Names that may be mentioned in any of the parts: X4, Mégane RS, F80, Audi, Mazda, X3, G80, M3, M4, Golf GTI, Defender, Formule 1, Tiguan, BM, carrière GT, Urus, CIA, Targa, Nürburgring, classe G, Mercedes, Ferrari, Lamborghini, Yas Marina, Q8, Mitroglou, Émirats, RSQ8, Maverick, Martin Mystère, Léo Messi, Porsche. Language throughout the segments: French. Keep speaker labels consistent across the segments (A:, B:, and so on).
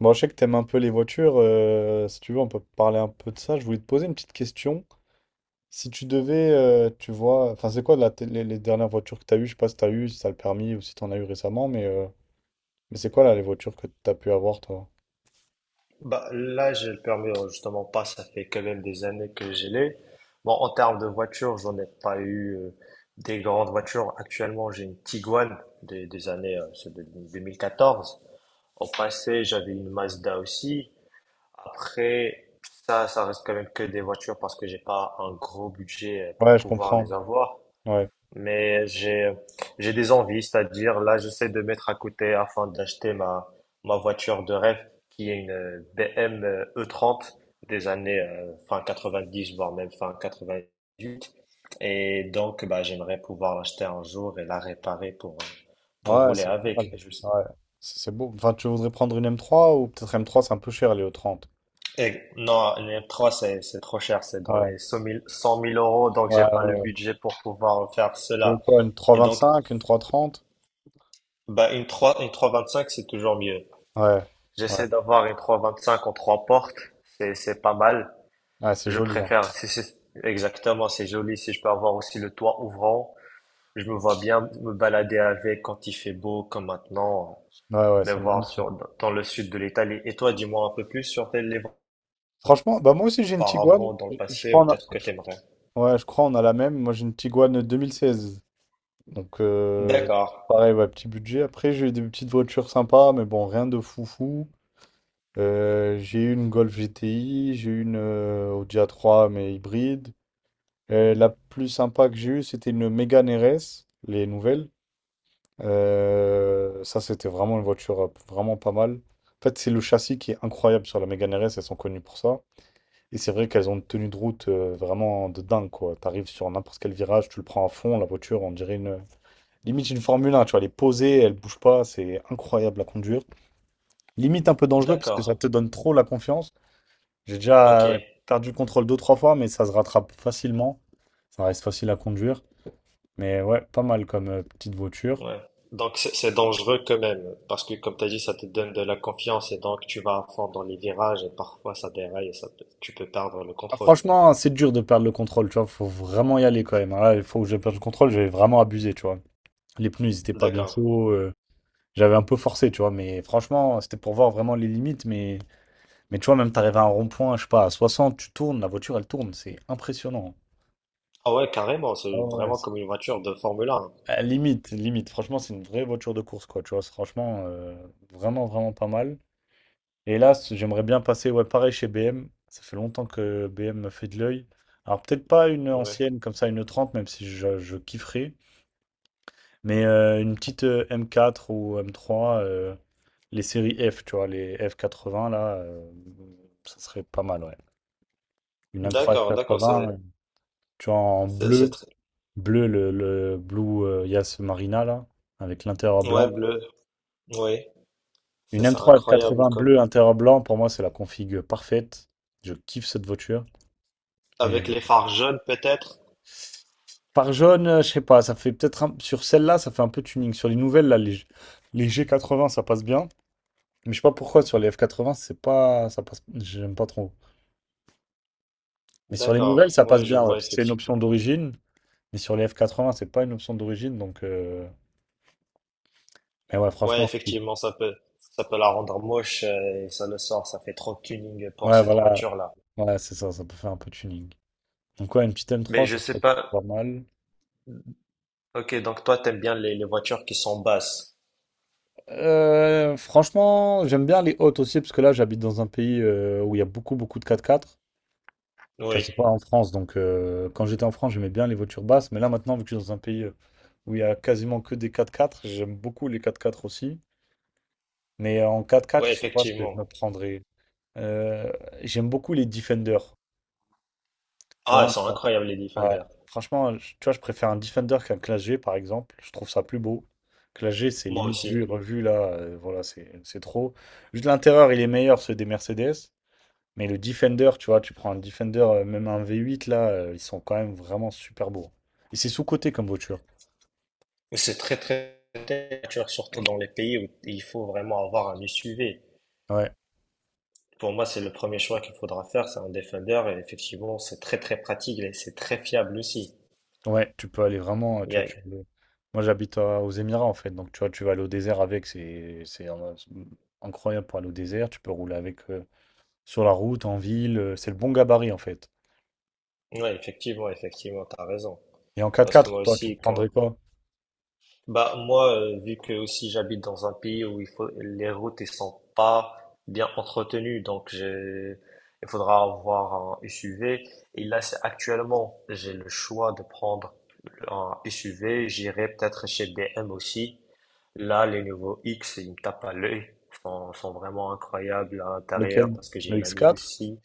A: Bon, je sais que t'aimes un peu les voitures. Si tu veux, on peut parler un peu de ça. Je voulais te poser une petite question. Si tu devais, tu vois, enfin, c'est quoi là, les dernières voitures que t'as eues? Je sais pas si t'as eu, si t'as le permis ou si t'en as eu récemment, mais c'est quoi là les voitures que t'as pu avoir, toi?
B: Bah, là, j'ai le permis, justement pas, ça fait quand même des années que je l'ai. Bon, en termes de voiture, j'en ai pas eu des grandes voitures. Actuellement, j'ai une Tiguan des années c'est de 2014. Au passé, j'avais une Mazda aussi. Après, ça reste quand même que des voitures parce que j'ai pas un gros budget pour
A: Ouais, je
B: pouvoir
A: comprends.
B: les avoir.
A: Ouais.
B: Mais j'ai des envies, c'est-à-dire là j'essaie de mettre à côté afin d'acheter ma voiture de rêve qui est une BM e trente des années fin dix voire même fin quatre-vingt huit et donc bah j'aimerais pouvoir l'acheter un jour et la réparer pour
A: Ouais,
B: rouler
A: c'est pas
B: avec.
A: mal.
B: Et je-
A: Ouais. C'est beau. Enfin, tu voudrais prendre une m trois ou peut-être m trois c'est un peu cher, les e trente.
B: et non, une trois c'est trop cher, c'est dans
A: Ouais.
B: les 100 000 cent mille euros donc
A: Ouais,
B: j'ai pas le
A: ouais, ouais.
B: budget pour pouvoir faire
A: Tu veux
B: cela.
A: quoi, une trois
B: Et
A: vingt
B: donc
A: cinq, une trois cent trente?
B: bah une trois vingt cinq c'est toujours mieux.
A: Ouais. Ouais.
B: J'essaie d'avoir une 325 en trois portes. C'est pas mal.
A: Ouais, c'est
B: Je
A: joli, hein.
B: préfère, si c'est, exactement, c'est joli. Si je peux avoir aussi le toit ouvrant, je me vois bien me balader avec quand il fait beau, comme maintenant,
A: Ouais, ouais,
B: me
A: c'est
B: voir
A: magnifique.
B: sur, dans le sud de l'Italie. Et toi, dis-moi un peu plus sur tes livres
A: Franchement, bah moi aussi j'ai une Tiguan.
B: auparavant, dans le
A: Je
B: passé, ou
A: crois on a...
B: peut-être que t'aimerais.
A: Ouais, je crois on a la même. Moi j'ai une Tiguan 2016. Donc
B: D'accord.
A: pareil, ouais, petit budget. Après j'ai eu des petites voitures sympas, mais bon, rien de foufou. J'ai eu une Golf GTI, j'ai eu une Audi a trois mais hybride. La plus sympa que j'ai eue, c'était une Mégane RS, les nouvelles. Ça c'était vraiment une voiture vraiment pas mal. En fait, c'est le châssis qui est incroyable sur la Mégane RS, elles sont connues pour ça. Et c'est vrai qu'elles ont une tenue de route vraiment de dingue, quoi. T'arrives sur n'importe quel virage, tu le prends à fond, la voiture, on dirait une... Limite une Formule 1, tu vois, elle est posée, elle bouge pas, c'est incroyable à conduire. Limite un peu dangereux parce que
B: D'accord.
A: ça te donne trop la confiance. J'ai
B: Ok.
A: déjà
B: Ouais.
A: perdu le contrôle deux, trois fois, mais ça se rattrape facilement. Ça reste facile à conduire. Mais ouais, pas mal comme petite voiture.
B: Donc, c'est dangereux quand même, parce que comme t'as dit, ça te donne de la confiance et donc tu vas à fond dans les virages et parfois ça déraille et ça, tu peux perdre le
A: Ah,
B: contrôle.
A: franchement, c'est dur de perdre le contrôle, tu vois, faut vraiment y aller quand même, hein. Là, il faut que je perde le contrôle, j'ai vraiment abusé, tu vois. Les pneus, ils étaient pas bien
B: D'accord.
A: chauds. J'avais un peu forcé, tu vois, mais franchement, c'était pour voir vraiment les limites. Mais tu vois, même t'arrives à un rond-point, je sais pas, à 60, tu tournes, la voiture, elle tourne, c'est impressionnant.
B: Ah ouais, carrément,
A: Ah
B: c'est
A: ouais,
B: vraiment comme une voiture de Formule 1.
A: Ah, limite, limite, franchement, c'est une vraie voiture de course, quoi, tu vois, c'est franchement, vraiment, vraiment pas mal. Et là, j'aimerais bien passer, ouais, pareil chez BM, ça fait longtemps que BM me fait de l'œil. Alors, peut-être pas une
B: Ouais.
A: ancienne comme ça, une 30, même si je kifferais, mais une petite M4 ou M3, les séries F, tu vois, les F80, là, ça serait pas mal, ouais. Une M3
B: D'accord, d'accord,
A: F80,
B: c'est
A: tu vois, en
B: c'est c'est
A: bleu,
B: très.
A: le Blue Yas Marina, là, avec l'intérieur
B: Ouais,
A: blanc.
B: bleu. Ouais,
A: Une
B: c'est
A: M3
B: incroyable
A: F80
B: comme
A: bleu, intérieur blanc, pour moi, c'est la config parfaite. Je kiffe cette voiture. Et
B: avec
A: bon.
B: les phares jaunes peut-être.
A: Par jaune, je sais pas, ça fait peut-être sur celle-là, ça fait un peu tuning. Sur les nouvelles, là, les G80, ça passe bien. Mais je sais pas pourquoi sur les F80, c'est pas, ça passe, j'aime pas trop. Mais sur les nouvelles,
B: D'accord.
A: ça
B: Ouais,
A: passe
B: je
A: bien, ouais,
B: vois
A: parce que c'est une option
B: effectivement.
A: d'origine. Mais sur les F80, c'est pas une option d'origine, donc. Mais ouais,
B: Ouais,
A: franchement, c'est cool.
B: effectivement, ça peut la rendre moche et ça le sort, ça fait trop tuning pour
A: Ouais,
B: cette
A: voilà,
B: voiture-là.
A: voilà c'est ça, ça peut faire un peu de tuning. Donc ouais, une petite
B: Mais
A: M3,
B: je
A: ça
B: sais
A: serait pas
B: pas.
A: mal.
B: OK, donc toi t'aimes bien les voitures qui sont basses.
A: Franchement, j'aime bien les hautes aussi, parce que là, j'habite dans un pays où il y a beaucoup, beaucoup de 4x4. Tu vois,
B: Oui.
A: c'est pas en France, donc quand j'étais en France, j'aimais bien les voitures basses, mais là maintenant, vu que je suis dans un pays où il y a quasiment que des 4x4, j'aime beaucoup les 4x4 aussi. Mais en quatre
B: Ouais,
A: quatre je sais pas ce que je me
B: effectivement.
A: prendrais. Euh, J'aime beaucoup les defenders. Tu
B: Ah, elles
A: vois,
B: sont
A: ouais.
B: incroyables les
A: Ouais.
B: Defender.
A: Franchement, tu vois, je préfère un defender qu'un classe G, par exemple. Je trouve ça plus beau. Classe G, c'est
B: Moi
A: limite vu
B: aussi.
A: et revu, là. Voilà, c'est trop. Juste l'intérieur, il est meilleur, ceux des Mercedes. Mais le defender, tu vois, tu prends un defender, même un V8, là, ils sont quand même vraiment super beaux. Et c'est sous-coté comme voiture.
B: C'est très très très cher, surtout dans les pays où il faut vraiment avoir un SUV.
A: Ouais.
B: Pour moi, c'est le premier choix qu'il faudra faire, c'est un Defender et effectivement, c'est très très pratique et c'est très fiable aussi.
A: Ouais, tu peux aller vraiment,
B: Il
A: tu
B: y
A: vois,
B: a-
A: tu Moi, j'habite aux Émirats, en fait. Donc, tu vois, tu vas aller au désert avec. C'est incroyable pour aller au désert. Tu peux rouler avec sur la route, en ville. C'est le bon gabarit, en fait.
B: Ouais, effectivement, effectivement, t'as raison.
A: Et en
B: Parce que
A: quatre-quatre,
B: moi
A: toi, tu te
B: aussi, quand.
A: prendrais quoi?
B: Bah moi, vu que aussi j'habite dans un pays où il faut les routes ne sont pas bien entretenues, donc j'ai il faudra avoir un SUV. Et là, c'est actuellement, j'ai le choix de prendre un SUV. J'irai peut-être chez BM aussi. Là, les nouveaux X, ils me tapent à l'œil. Ils sont vraiment incroyables à l'intérieur
A: Lequel?
B: parce que j'ai
A: Le
B: une amie
A: X4?
B: aussi.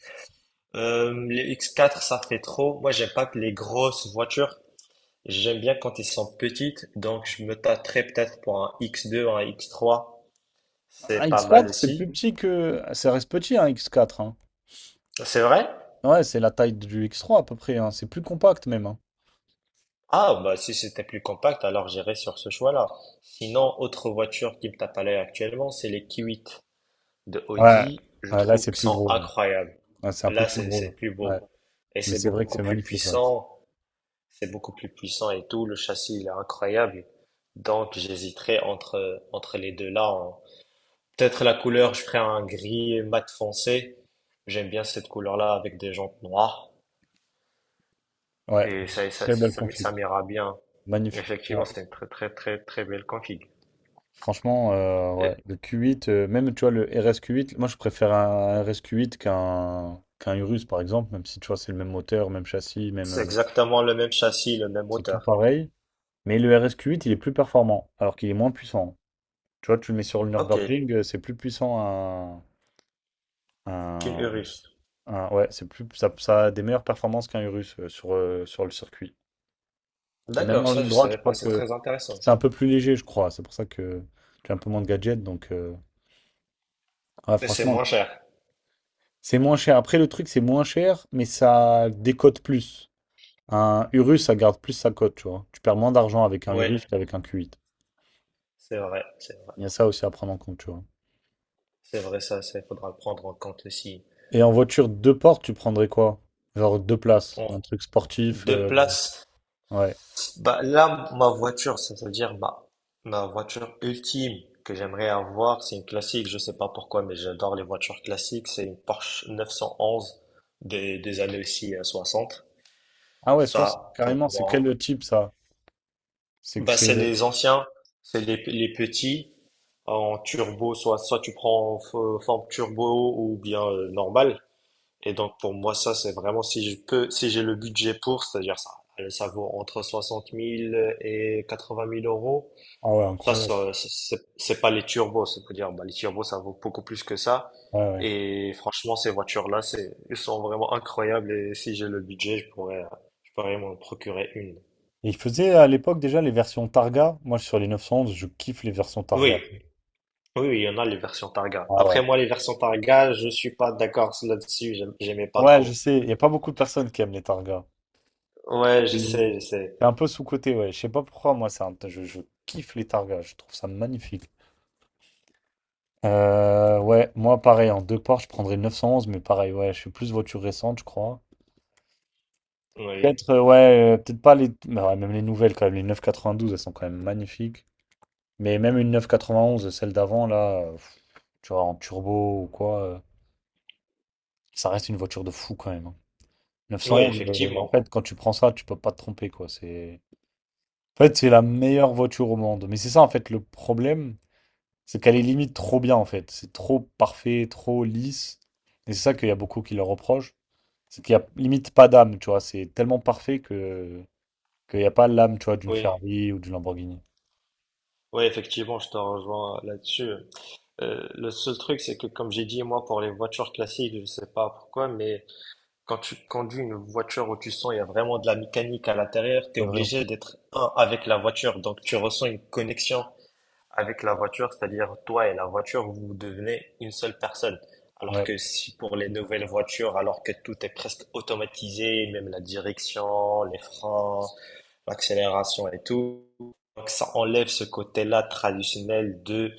B: Les X4, ça fait trop. Moi, j'aime pas que les grosses voitures. J'aime bien quand ils sont petites, donc je me tâterais peut-être pour un X2, un X3.
A: Un
B: C'est pas mal
A: X4, c'est plus
B: aussi.
A: petit que... Ça reste petit, un X4,
B: C'est vrai?
A: ouais, c'est la taille du X3 à peu près, hein. C'est plus compact même, hein.
B: Ah, bah si c'était plus compact, alors j'irais sur ce choix-là. Sinon, autre voiture qui me tape à l'œil actuellement, c'est les Q8 de
A: Ouais,
B: Audi. Je
A: ouais, là
B: trouve
A: c'est
B: qu'ils
A: plus
B: sont
A: gros, ouais.
B: incroyables.
A: Ouais, c'est un peu
B: Là,
A: plus
B: c'est
A: gros,
B: c'est plus
A: là. Ouais.
B: beau. Et
A: Mais
B: c'est
A: c'est vrai que
B: beaucoup
A: c'est
B: plus
A: magnifique, ouais.
B: puissant. C'est beaucoup plus puissant et tout. Le châssis, il est incroyable. Donc, j'hésiterais entre les deux-là, hein. Peut-être la couleur, je ferais un gris mat foncé. J'aime bien cette couleur-là avec des jantes noires
A: Ouais,
B: et ça, ça,
A: très belle
B: ça, m-
A: config.
B: ça m'ira bien.
A: Magnifique.
B: Effectivement,
A: Ouais.
B: c'est une très très très très belle config.
A: Franchement,
B: Et
A: ouais. Le Q8, même tu vois, le RSQ8, moi je préfère un RSQ8 qu'un Urus par exemple, même si tu vois, c'est le même moteur, même châssis, même.
B: c'est exactement le même châssis, le même
A: C'est tout
B: moteur.
A: pareil. Mais le RSQ8, il est plus performant, alors qu'il est moins puissant. Tu vois, tu le mets sur le
B: Ok,
A: Nürburgring, c'est plus puissant
B: qu'une Urus.
A: un Ah ouais, c'est plus, ça a des meilleures performances qu'un Urus sur le circuit. Et même
B: D'accord,
A: en
B: ça
A: ligne
B: je
A: droite,
B: savais
A: je
B: pas,
A: crois
B: c'est
A: que
B: très intéressant.
A: c'est un peu plus léger, je crois. C'est pour ça que tu as un peu moins de gadgets. Donc, ouais,
B: Et c'est
A: franchement,
B: moins cher.
A: c'est moins cher. Après, le truc, c'est moins cher, mais ça décote plus. Un Urus, ça garde plus sa cote, tu vois. Tu perds moins d'argent avec un
B: Oui,
A: Urus qu'avec un Q8.
B: c'est vrai, c'est vrai.
A: Il y a ça aussi à prendre en compte, tu vois.
B: C'est vrai, ça, il faudra le prendre en compte aussi.
A: Et en voiture deux portes, tu prendrais quoi? Genre deux places,
B: En
A: un truc sportif.
B: deux places,
A: Ouais.
B: bah, là, ma voiture, c'est-à-dire bah, ma voiture ultime que j'aimerais avoir, c'est une classique, je sais pas pourquoi, mais j'adore les voitures classiques, c'est une Porsche 911 des années aussi soixante.
A: Ah ouais, 60
B: Ça, pour
A: carrément, c'est
B: moi,
A: quel type ça? C'est que
B: bah,
A: c'est.
B: c'est les anciens, c'est les petits en turbo, soit tu prends en forme turbo ou bien normale. Et donc, pour moi, ça, c'est vraiment si je peux, si j'ai le budget pour, c'est-à-dire ça, ça vaut entre 60 000 et 80 000 euros.
A: Ah ouais,
B: Ça,
A: incroyable.
B: ça, ça, c'est pas les turbos, c'est-à-dire, bah, les turbos, ça vaut beaucoup plus que ça.
A: Ouais, ouais.
B: Et franchement, ces voitures-là, elles sont vraiment incroyables. Et si j'ai le budget, je pourrais m'en procurer une.
A: Et il faisait à l'époque déjà les versions Targa. Moi, sur les 911, je kiffe les versions Targa.
B: Oui, oui, oui, il y en a les versions Targa.
A: Ah
B: Après,
A: ouais.
B: moi, les versions Targa, je suis pas d'accord là-dessus. J'aimais pas
A: Ouais, je
B: trop.
A: sais. Il n'y a pas beaucoup de personnes qui aiment les Targa.
B: Ouais, je
A: Mm.
B: sais, je sais.
A: C'est un peu sous-coté, ouais. Je sais pas pourquoi, moi, c'est un... je kiffe les Targa. Je trouve ça magnifique. Ouais, moi, pareil, en deux parts, je prendrais 911, mais pareil, ouais, je suis plus voiture récente, je crois.
B: Oui,
A: Peut-être, ouais, peut-être pas les. Mais ouais, même les nouvelles, quand même. Les 992, elles sont quand même magnifiques. Mais même une 991, celle d'avant, là, pff, tu vois, en turbo ou quoi. Ça reste une voiture de fou quand même, hein.
B: oui,
A: 911, en
B: effectivement.
A: fait, quand tu prends ça, tu peux pas te tromper, quoi. C'est... En fait, c'est la meilleure voiture au monde. Mais c'est ça, en fait, le problème, c'est qu'elle est limite trop bien, en fait. C'est trop parfait, trop lisse. Et c'est ça qu'il y a beaucoup qui leur reprochent. C'est qu'il y a limite pas d'âme, tu vois. C'est tellement parfait que qu'il n'y a pas l'âme, tu vois, d'une
B: Oui,
A: Ferrari ou d'une Lamborghini.
B: oui, effectivement, je te rejoins là-dessus. Le seul truc, c'est que, comme j'ai dit, moi, pour les voitures classiques, je sais pas pourquoi, mais quand tu conduis une voiture où tu sens il y a vraiment de la mécanique à l'intérieur, tu es
A: C'est vrai.
B: obligé d'être un avec la voiture. Donc tu ressens une connexion avec la voiture, c'est-à-dire toi et la voiture, vous devenez une seule personne. Alors
A: Ouais.
B: que si pour les nouvelles voitures, alors que tout est presque automatisé, même la direction, les freins, l'accélération et tout, donc ça enlève ce côté-là traditionnel de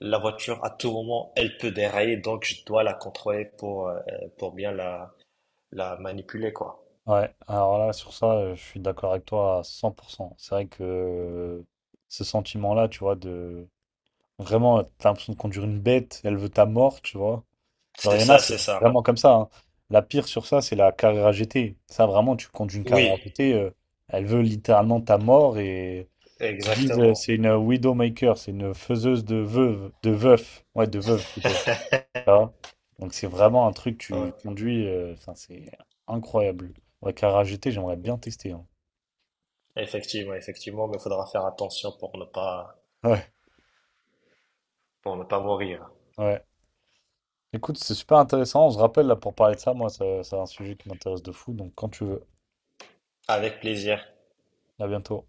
B: la voiture à tout moment, elle peut dérailler, donc je dois la contrôler pour bien la manipuler, quoi.
A: Ouais. Alors là, sur ça, je suis d'accord avec toi à 100%. C'est vrai que ce sentiment-là, tu vois, de vraiment, t'as l'impression de conduire une bête, elle veut ta mort, tu vois. Genre,
B: C'est
A: il y en a,
B: ça,
A: c'est
B: c'est ça.
A: vraiment comme ça, hein. La pire sur ça, c'est la carrière GT. Ça, vraiment, tu conduis une carrière
B: Oui,
A: GT, elle veut littéralement ta mort et ils disent
B: exactement,
A: c'est une widowmaker, c'est une faiseuse de veuve, de veuf. Ouais, de veuve plutôt, tu vois. Donc, c'est vraiment un truc, tu
B: ouais.
A: conduis, enfin, c'est incroyable. La carrière GT, j'aimerais bien tester, hein.
B: Effectivement, effectivement, mais il faudra faire attention pour ne pas,
A: Ouais,
B: pour ne pas mourir.
A: ouais. Écoute, c'est super intéressant. On se rappelle là pour parler de ça. Moi, c'est un sujet qui m'intéresse de fou. Donc, quand tu veux.
B: Avec plaisir.
A: À bientôt.